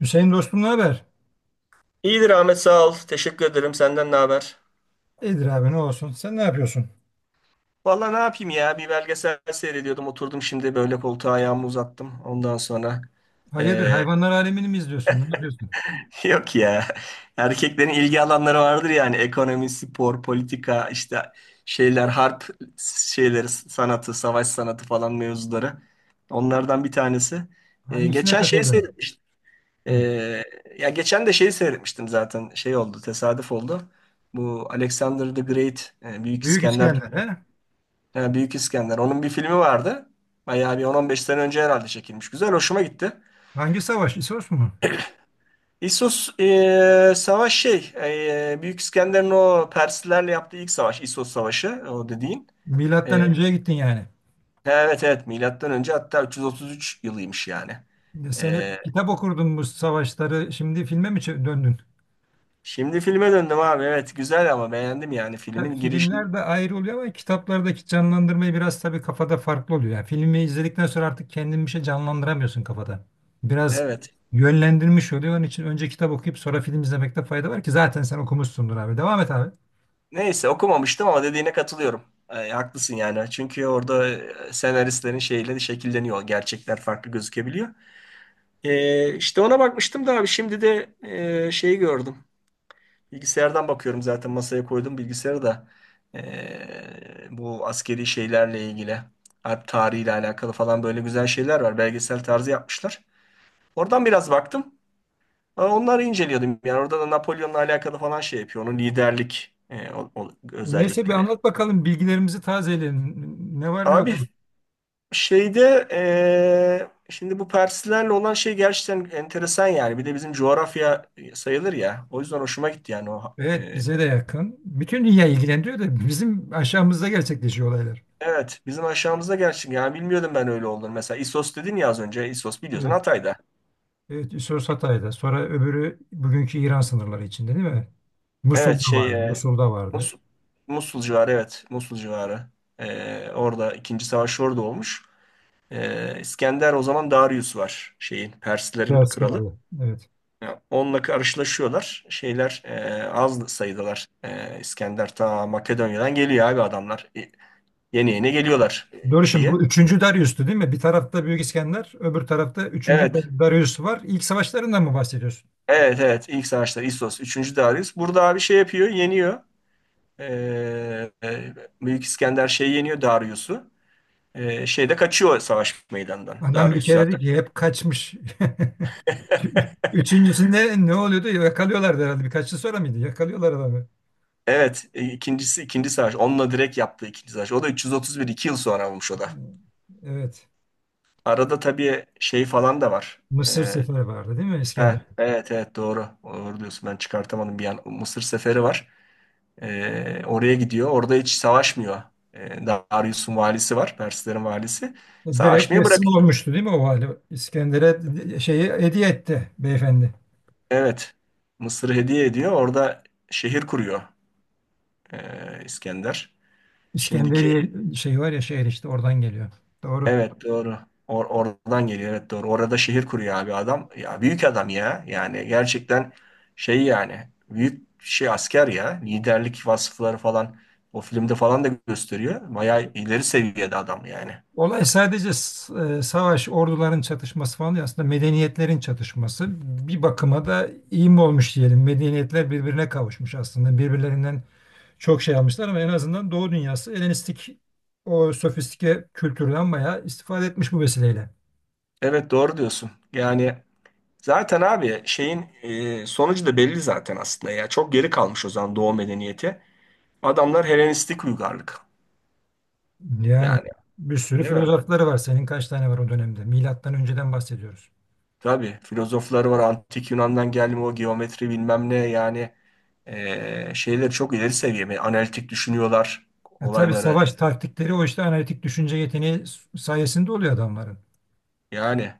Hüseyin dostum, ne haber? İyidir Ahmet, sağ ol. Teşekkür ederim. Senden ne haber? İyidir abi, ne olsun. Sen ne yapıyorsun? Vallahi ne yapayım ya? Bir belgesel seyrediyordum. Oturdum şimdi böyle koltuğa, ayağımı uzattım. Ondan sonra Hayırdır, eee, hayvanlar alemini mi izliyorsun? Ne yapıyorsun? yok ya. Erkeklerin ilgi alanları vardır yani. Ekonomi, spor, politika, işte şeyler, harp şeyleri, sanatı, savaş sanatı falan mevzuları. Onlardan bir tanesi. Hangisine Geçen şeyi takıldın? seyretmiştim. Hı. Eee, ya geçen de şeyi seyretmiştim zaten. Şey oldu, tesadüf oldu. Bu Alexander the Great, Büyük Büyük İskender. İskender he? Ha, Büyük İskender. Onun bir filmi vardı. Bayağı bir 10-15 sene önce herhalde çekilmiş. Güzel, hoşuma gitti. Hangi savaş? İsos mu? İssos savaş şey, Büyük İskender'in o Perslilerle yaptığı ilk savaş, İssos Savaşı o dediğin. E, Milattan önceye gittin yani. evet evet, milattan önce hatta 333 yılıymış yani. Sen E, hep kitap okurdun bu savaşları. Şimdi filme mi döndün? şimdi filme döndüm abi. Evet, güzel ama beğendim yani Tabii filmin girişini. filmler de ayrı oluyor ama kitaplardaki canlandırmayı biraz tabii kafada farklı oluyor. Yani filmi izledikten sonra artık kendin bir şey canlandıramıyorsun kafada. Biraz Evet. yönlendirmiş oluyor. Onun için önce kitap okuyup sonra film izlemekte fayda var ki zaten sen okumuşsundur abi. Devam et abi. Neyse okumamıştım ama dediğine katılıyorum. Haklısın yani. Çünkü orada senaristlerin şeyleri şekilleniyor. Gerçekler farklı gözükebiliyor. İşte ona bakmıştım da abi, şimdi de şeyi gördüm. Bilgisayardan bakıyorum, zaten masaya koydum bilgisayarı da. Bu askeri şeylerle ilgili, harp tarihiyle alakalı falan böyle güzel şeyler var. Belgesel tarzı yapmışlar. Oradan biraz baktım. Aa, onları inceliyordum. Yani orada da Napolyon'la alakalı falan şey yapıyor. Onun liderlik Neyse bir özellikleri. anlat bakalım, bilgilerimizi tazeleyelim. Ne var ne yok. Abi şeyde şimdi bu Perslerle olan şey gerçekten enteresan yani. Bir de bizim coğrafya sayılır ya. O yüzden hoşuma gitti yani. Evet, bize de yakın. Bütün dünya ilgilendiriyor da bizim aşağımızda gerçekleşiyor olaylar. Evet bizim aşağımızda gerçekten, yani bilmiyordum ben öyle olduğunu. Mesela İsos dedin ya az önce. İsos biliyorsun Evet. Hatay'da. Evet, Üsos Hatay'da. Sonra öbürü bugünkü İran sınırları içinde, değil mi? Evet Musul'da şey vardı. Musul'da vardı. Mus- Musul civarı, evet Musul civarı. Orada ikinci savaş orada olmuş. İskender o zaman Darius var şeyin, Perslerin Beyaz kralı. Kralı. Evet. Ya, onunla karşılaşıyorlar. Şeyler az sayıdalar. İskender ta Makedonya'dan geliyor abi adamlar. Yeni yeni geliyorlar Doğru, şimdi bu şeye. üçüncü Darius'tu değil mi? Bir tarafta Büyük İskender, öbür tarafta üçüncü Evet. Darius var. İlk savaşlarından mı bahsediyorsun? Evet evet. İlk savaşlar İssos. Üçüncü Darius. Burada abi şey yapıyor. Yeniyor. E, e, Büyük İskender şey yeniyor, Darius'u. Şeyde kaçıyor savaş meydanından, Adam bir Darius kere dedi zaten. ki hep kaçmış. Üçüncüsünde ne oluyordu? Yakalıyorlardı herhalde. Birkaç yıl sonra mıydı? Yakalıyorlar adamı. Evet. İkinci savaş. Onunla direkt yaptığı ikinci savaş. O da 331, iki yıl sonra olmuş o da. Evet. Arada tabii şey falan da var. Mısır E, seferi vardı değil mi İskender? Heh, evet evet doğru. Doğru diyorsun. Ben çıkartamadım bir an. Mısır seferi var. Oraya gidiyor. Orada hiç savaşmıyor. Darius'un valisi var, Perslerin valisi. Direkt Savaşmayı teslim bırakıyor. olmuştu değil mi o hali? İskender'e şeyi hediye etti beyefendi. Evet. Mısır'ı hediye ediyor. Orada şehir kuruyor, İskender. Şimdiki, İskenderiye şey var ya, şehir işte oradan geliyor. Doğru. evet doğru. Oradan geliyor. Evet doğru. Orada şehir kuruyor abi adam. Ya büyük adam ya. Yani gerçekten şey yani büyük şey asker ya. Liderlik vasıfları falan o filmde falan da gösteriyor. Bayağı ileri seviyede adam yani. Olay sadece savaş, orduların çatışması falan değil. Aslında medeniyetlerin çatışması. Bir bakıma da iyi mi olmuş diyelim. Medeniyetler birbirine kavuşmuş aslında. Birbirlerinden çok şey almışlar ama en azından Doğu dünyası Helenistik o sofistike kültürden bayağı istifade etmiş bu vesileyle. Evet doğru diyorsun. Yani zaten abi şeyin sonucu da belli zaten aslında ya. Çok geri kalmış o zaman Doğu medeniyeti. Adamlar Helenistik uygarlık. Yani Yani, bir sürü değil mi? filozofları var. Senin kaç tane var o dönemde? Milattan önceden bahsediyoruz. Tabii filozofları var, antik Yunan'dan gelme o geometri bilmem ne yani, şeyleri çok ileri seviye. Yani analitik düşünüyorlar Tabii olaylara, savaş taktikleri o işte analitik düşünce yeteneği sayesinde oluyor adamların. yani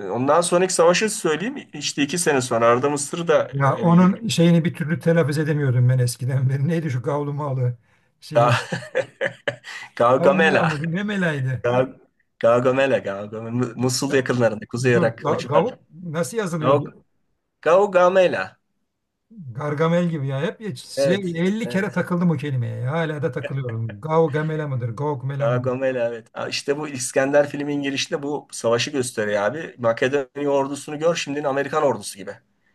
ondan sonraki savaşı söyleyeyim. İşte iki sene sonra Arda Mısır'ı da Ya, ele onun geçirdi. şeyini bir türlü telaffuz edemiyordum ben eskiden beri. Neydi şu gavlu malı Ga- şeyin? Gavlu mela Gaugamela. mı? Ne melaydı? Ga- Gaugamela. Gaugamela, Musul Ya, yakınlarında, Kuzey dur, Irak o gavuk civarlarda. nasıl yazılıyordu? Gaug- Gaugamela, Gargamel gibi ya. Hep hiç şey, evet 50 kere evet takıldım o kelimeye, ya. Hala da takılıyorum. Gavgamela mıdır? Gavgmela Kara mıdır? Gomela, evet. Ha, İşte bu İskender filmin girişinde bu savaşı gösteriyor abi. Makedonya ordusunu gör, şimdinin Amerikan ordusu gibi.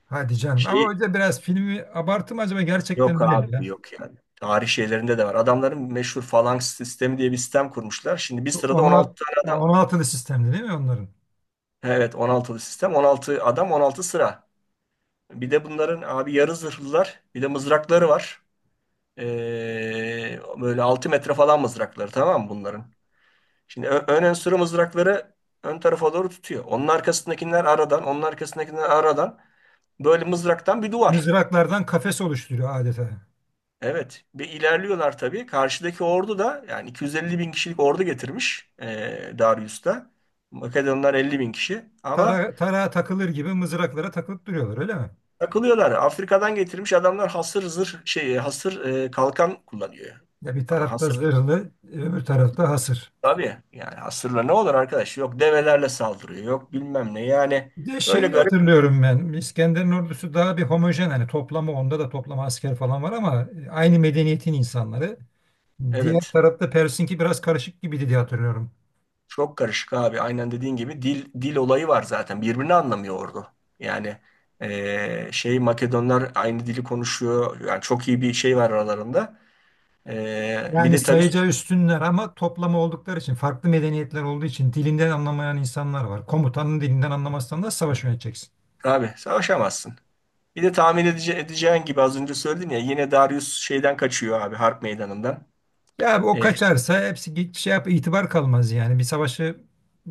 Hadi canım. Ama Şey o yüzden biraz filmi abarttım, acaba gerçekten yok öyle mi ya? abi, yok yani. Tarih şeylerinde de var. Adamların meşhur falanks sistemi diye bir sistem kurmuşlar. Şimdi bir sırada 16 16, tane adam. 16'lı sistemdi değil mi onların? Evet, on altılı sistem. On altı adam, 16 sıra. Bir de bunların abi yarı zırhlılar. Bir de mızrakları var. Böyle 6 metre falan mızrakları, tamam mı bunların? Şimdi ön enstrü mızrakları ön tarafa doğru tutuyor. Onun arkasındakiler aradan, onun arkasındakiler aradan, böyle mızraktan bir duvar. Mızraklardan kafes oluşturuyor adeta. Evet, bir ilerliyorlar tabii. Karşıdaki ordu da yani 250 bin kişilik ordu getirmiş, Darius'ta. Makedonlar 50 bin kişi ama Tarağa takılır gibi mızraklara takılıp duruyorlar öyle mi? takılıyorlar. Afrika'dan getirmiş adamlar hasır zırh, şey, hasır kalkan kullanıyor. Ya bir Allah, tarafta hasır zırhlı, öbür tarafta hasır. tabii yani, hasırla ne olur arkadaş? Yok develerle saldırıyor, yok bilmem ne. Yani Bir de böyle şeyi garip. hatırlıyorum ben. İskender'in ordusu daha bir homojen, hani toplama, onda da toplama asker falan var ama aynı medeniyetin insanları. Diğer Evet. tarafta Pers'inki biraz karışık gibiydi diye hatırlıyorum. Çok karışık abi. Aynen dediğin gibi dil dil olayı var zaten. Birbirini anlamıyor ordu. Yani şey Makedonlar aynı dili konuşuyor. Yani çok iyi bir şey var aralarında. Bir Yani de tabii sayıca üstünler ama toplama oldukları için, farklı medeniyetler olduğu için dilinden anlamayan insanlar var. Komutanın dilinden anlamazsan da savaş yöneteceksin. abi savaşamazsın. Bir de tahmin edeceğin gibi, az önce söyledim ya, yine Darius şeyden kaçıyor abi, harp meydanından. Ya abi, o Eee, kaçarsa hepsi şey yap, itibar kalmaz yani. Bir savaşı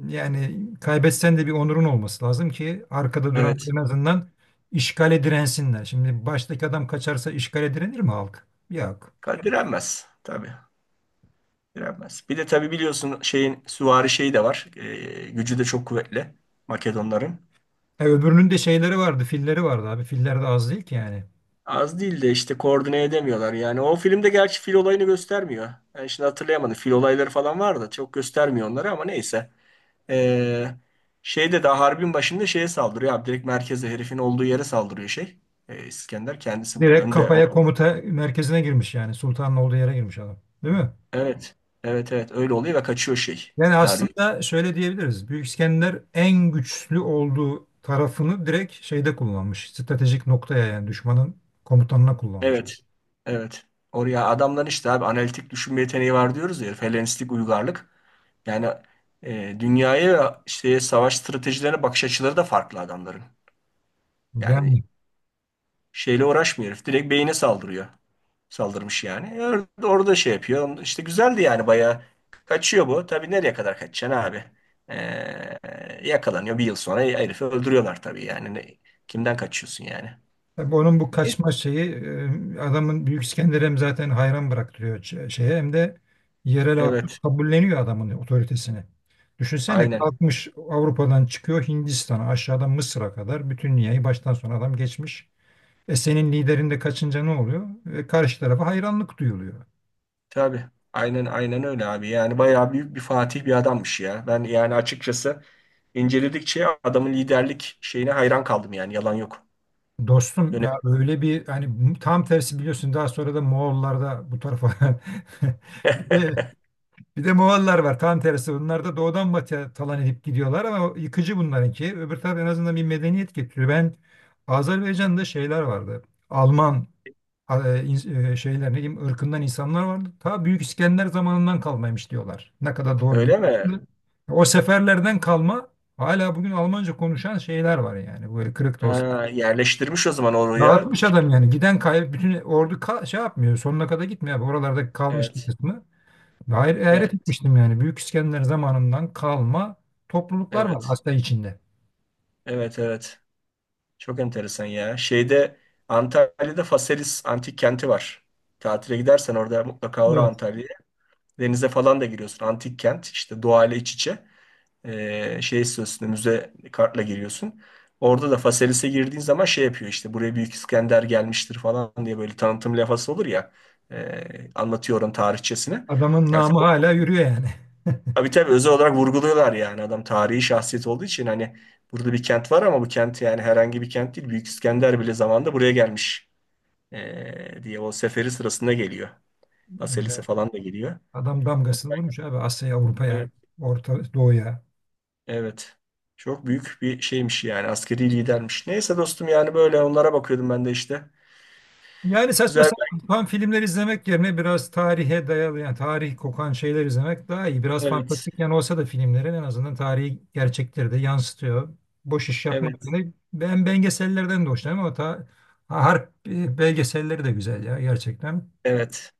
yani kaybetsen de bir onurun olması lazım ki arkada duran evet. en azından işgale dirensinler. Şimdi baştaki adam kaçarsa işgale direnir mi halk? Yok. Direnmez tabii. Direnmez. Bir de tabii biliyorsun şeyin süvari şeyi de var. Gücü de çok kuvvetli Makedonların. Öbürünün de şeyleri vardı, filleri vardı abi. Filler de az değil ki yani. Az değil de işte koordine edemiyorlar. Yani o filmde gerçi fil olayını göstermiyor. Ben şimdi hatırlayamadım. Fil olayları falan var da çok göstermiyor onları, ama neyse. Ee, şeyde daha harbin başında şeye saldırıyor abi. Direkt merkeze, herifin olduğu yere saldırıyor şey. İskender kendisi Doğru. önde. Olan- Kafaya, komuta merkezine girmiş yani. Sultanın olduğu yere girmiş adam. Değil mi? evet. Evet evet öyle oluyor ve kaçıyor şey. Yani Darius. aslında şöyle diyebiliriz: Büyük İskender en güçlü olduğu tarafını direkt şeyde kullanmış. Stratejik noktaya, yani düşmanın komutanına kullanmış. Evet. Evet. Oraya, adamların işte abi analitik düşünme yeteneği var diyoruz ya. Herif, Helenistik uygarlık. Yani dünyaya ve işte savaş stratejilerine bakış açıları da farklı adamların. Yani Yani şeyle uğraşmıyor herif. Direkt beyine saldırıyor. Saldırmış yani. Orada, orada şey yapıyor. İşte güzeldi yani bayağı. Kaçıyor bu. Tabii nereye kadar kaçacaksın abi? Yakalanıyor. Bir yıl sonra herifi öldürüyorlar tabii yani. Kimden kaçıyorsun yani? tabii onun bu Neyse. kaçma şeyi adamın Büyük İskender hem zaten hayran bıraktırıyor şeye, hem de yerel halk Evet. kabulleniyor adamın otoritesini. Düşünsene, Aynen. kalkmış Avrupa'dan çıkıyor Hindistan'a, aşağıdan Mısır'a kadar bütün dünyayı baştan sona adam geçmiş. Senin liderin de kaçınca ne oluyor? Karşı tarafa hayranlık duyuluyor. Tabii. Aynen aynen öyle abi. Yani bayağı büyük bir fatih bir adammış ya. Ben yani açıkçası inceledikçe adamın liderlik şeyine hayran kaldım yani. Yalan yok. Dostum Öyle. ya, öyle bir hani tam tersi biliyorsun, daha sonra da Moğollar da bu tarafa bir de bir de Moğollar var, tam tersi, bunlar da doğudan batıya talan edip gidiyorlar ama o yıkıcı, bunlarınki öbür taraf en azından bir medeniyet getiriyor. Ben Azerbaycan'da şeyler vardı, Alman şeyler, ne diyeyim, ırkından insanlar vardı, ta Büyük İskender zamanından kalmaymış diyorlar, ne kadar doğru bir, Öyle mi? o seferlerden kalma hala bugün Almanca konuşan şeyler var yani, böyle kırık da olsa. Ha, yerleştirmiş o zaman oraya. Dağıtmış adam yani. Giden bütün ordu şey yapmıyor. Sonuna kadar gitmiyor abi. Oralarda kalmış bir Evet. kısmı. Ve hayret, hayret Evet. etmiştim yani. Büyük İskender zamanından kalma topluluklar var Evet. Asya içinde. Evet. Evet. Çok enteresan ya. Şeyde Antalya'da Faselis antik kenti var. Tatile gidersen orada mutlaka uğra Evet. Antalya'ya. Denize falan da giriyorsun. Antik kent işte, doğayla iç içe. Şey, istiyorsun müze kartla giriyorsun. Orada da Faselis'e girdiğin zaman şey yapıyor, işte buraya Büyük İskender gelmiştir falan diye böyle tanıtım lafası olur ya. Anlatıyor oranın tarihçesini. Adamın Yani namı hala yürüyor yani. tabii tabii özel olarak vurguluyorlar yani, adam tarihi şahsiyet olduğu için hani, burada bir kent var ama bu kent yani herhangi bir kent değil. Büyük İskender bile zamanında buraya gelmiş diye, o seferi sırasında geliyor. Baselis'e Ee, falan da geliyor. Adam damgasını vurmuş abi Asya'ya, Avrupa'ya, Evet, Orta Doğu'ya. evet. Çok büyük bir şeymiş yani, askeri lidermiş. Neyse dostum, yani böyle onlara bakıyordum ben de işte. Yani saçma Güzel. sapan filmler izlemek yerine biraz tarihe dayalı, yani tarih kokan şeyler izlemek daha iyi. Biraz Evet, fantastik yani olsa da filmlerin, en azından tarihi gerçekleri de yansıtıyor. Boş iş yapmak evet, yerine, ben belgesellerden de hoşlanıyorum ama harp belgeselleri de güzel ya, gerçekten. evet.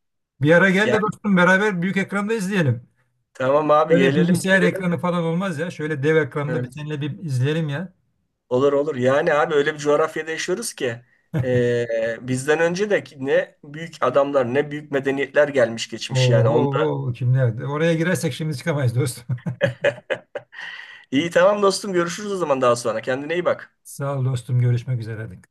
Bir ara gel Yani de dostum, beraber büyük ekranda izleyelim. tamam abi, Böyle gelelim, bilgisayar gelelim. ekranı falan olmaz ya. Şöyle dev ekranda bir Evet. seninle bir izleyelim ya. Olur olur. Yani abi öyle bir coğrafyada yaşıyoruz ki bizden önce de ki ne büyük adamlar, ne büyük medeniyetler gelmiş geçmiş Oo, yani. oo, Onda... oo, kimler? Oraya girersek şimdi çıkamayız dostum. İyi tamam dostum, görüşürüz o zaman daha sonra. Kendine iyi bak. Sağ ol dostum, görüşmek üzere. Hadi.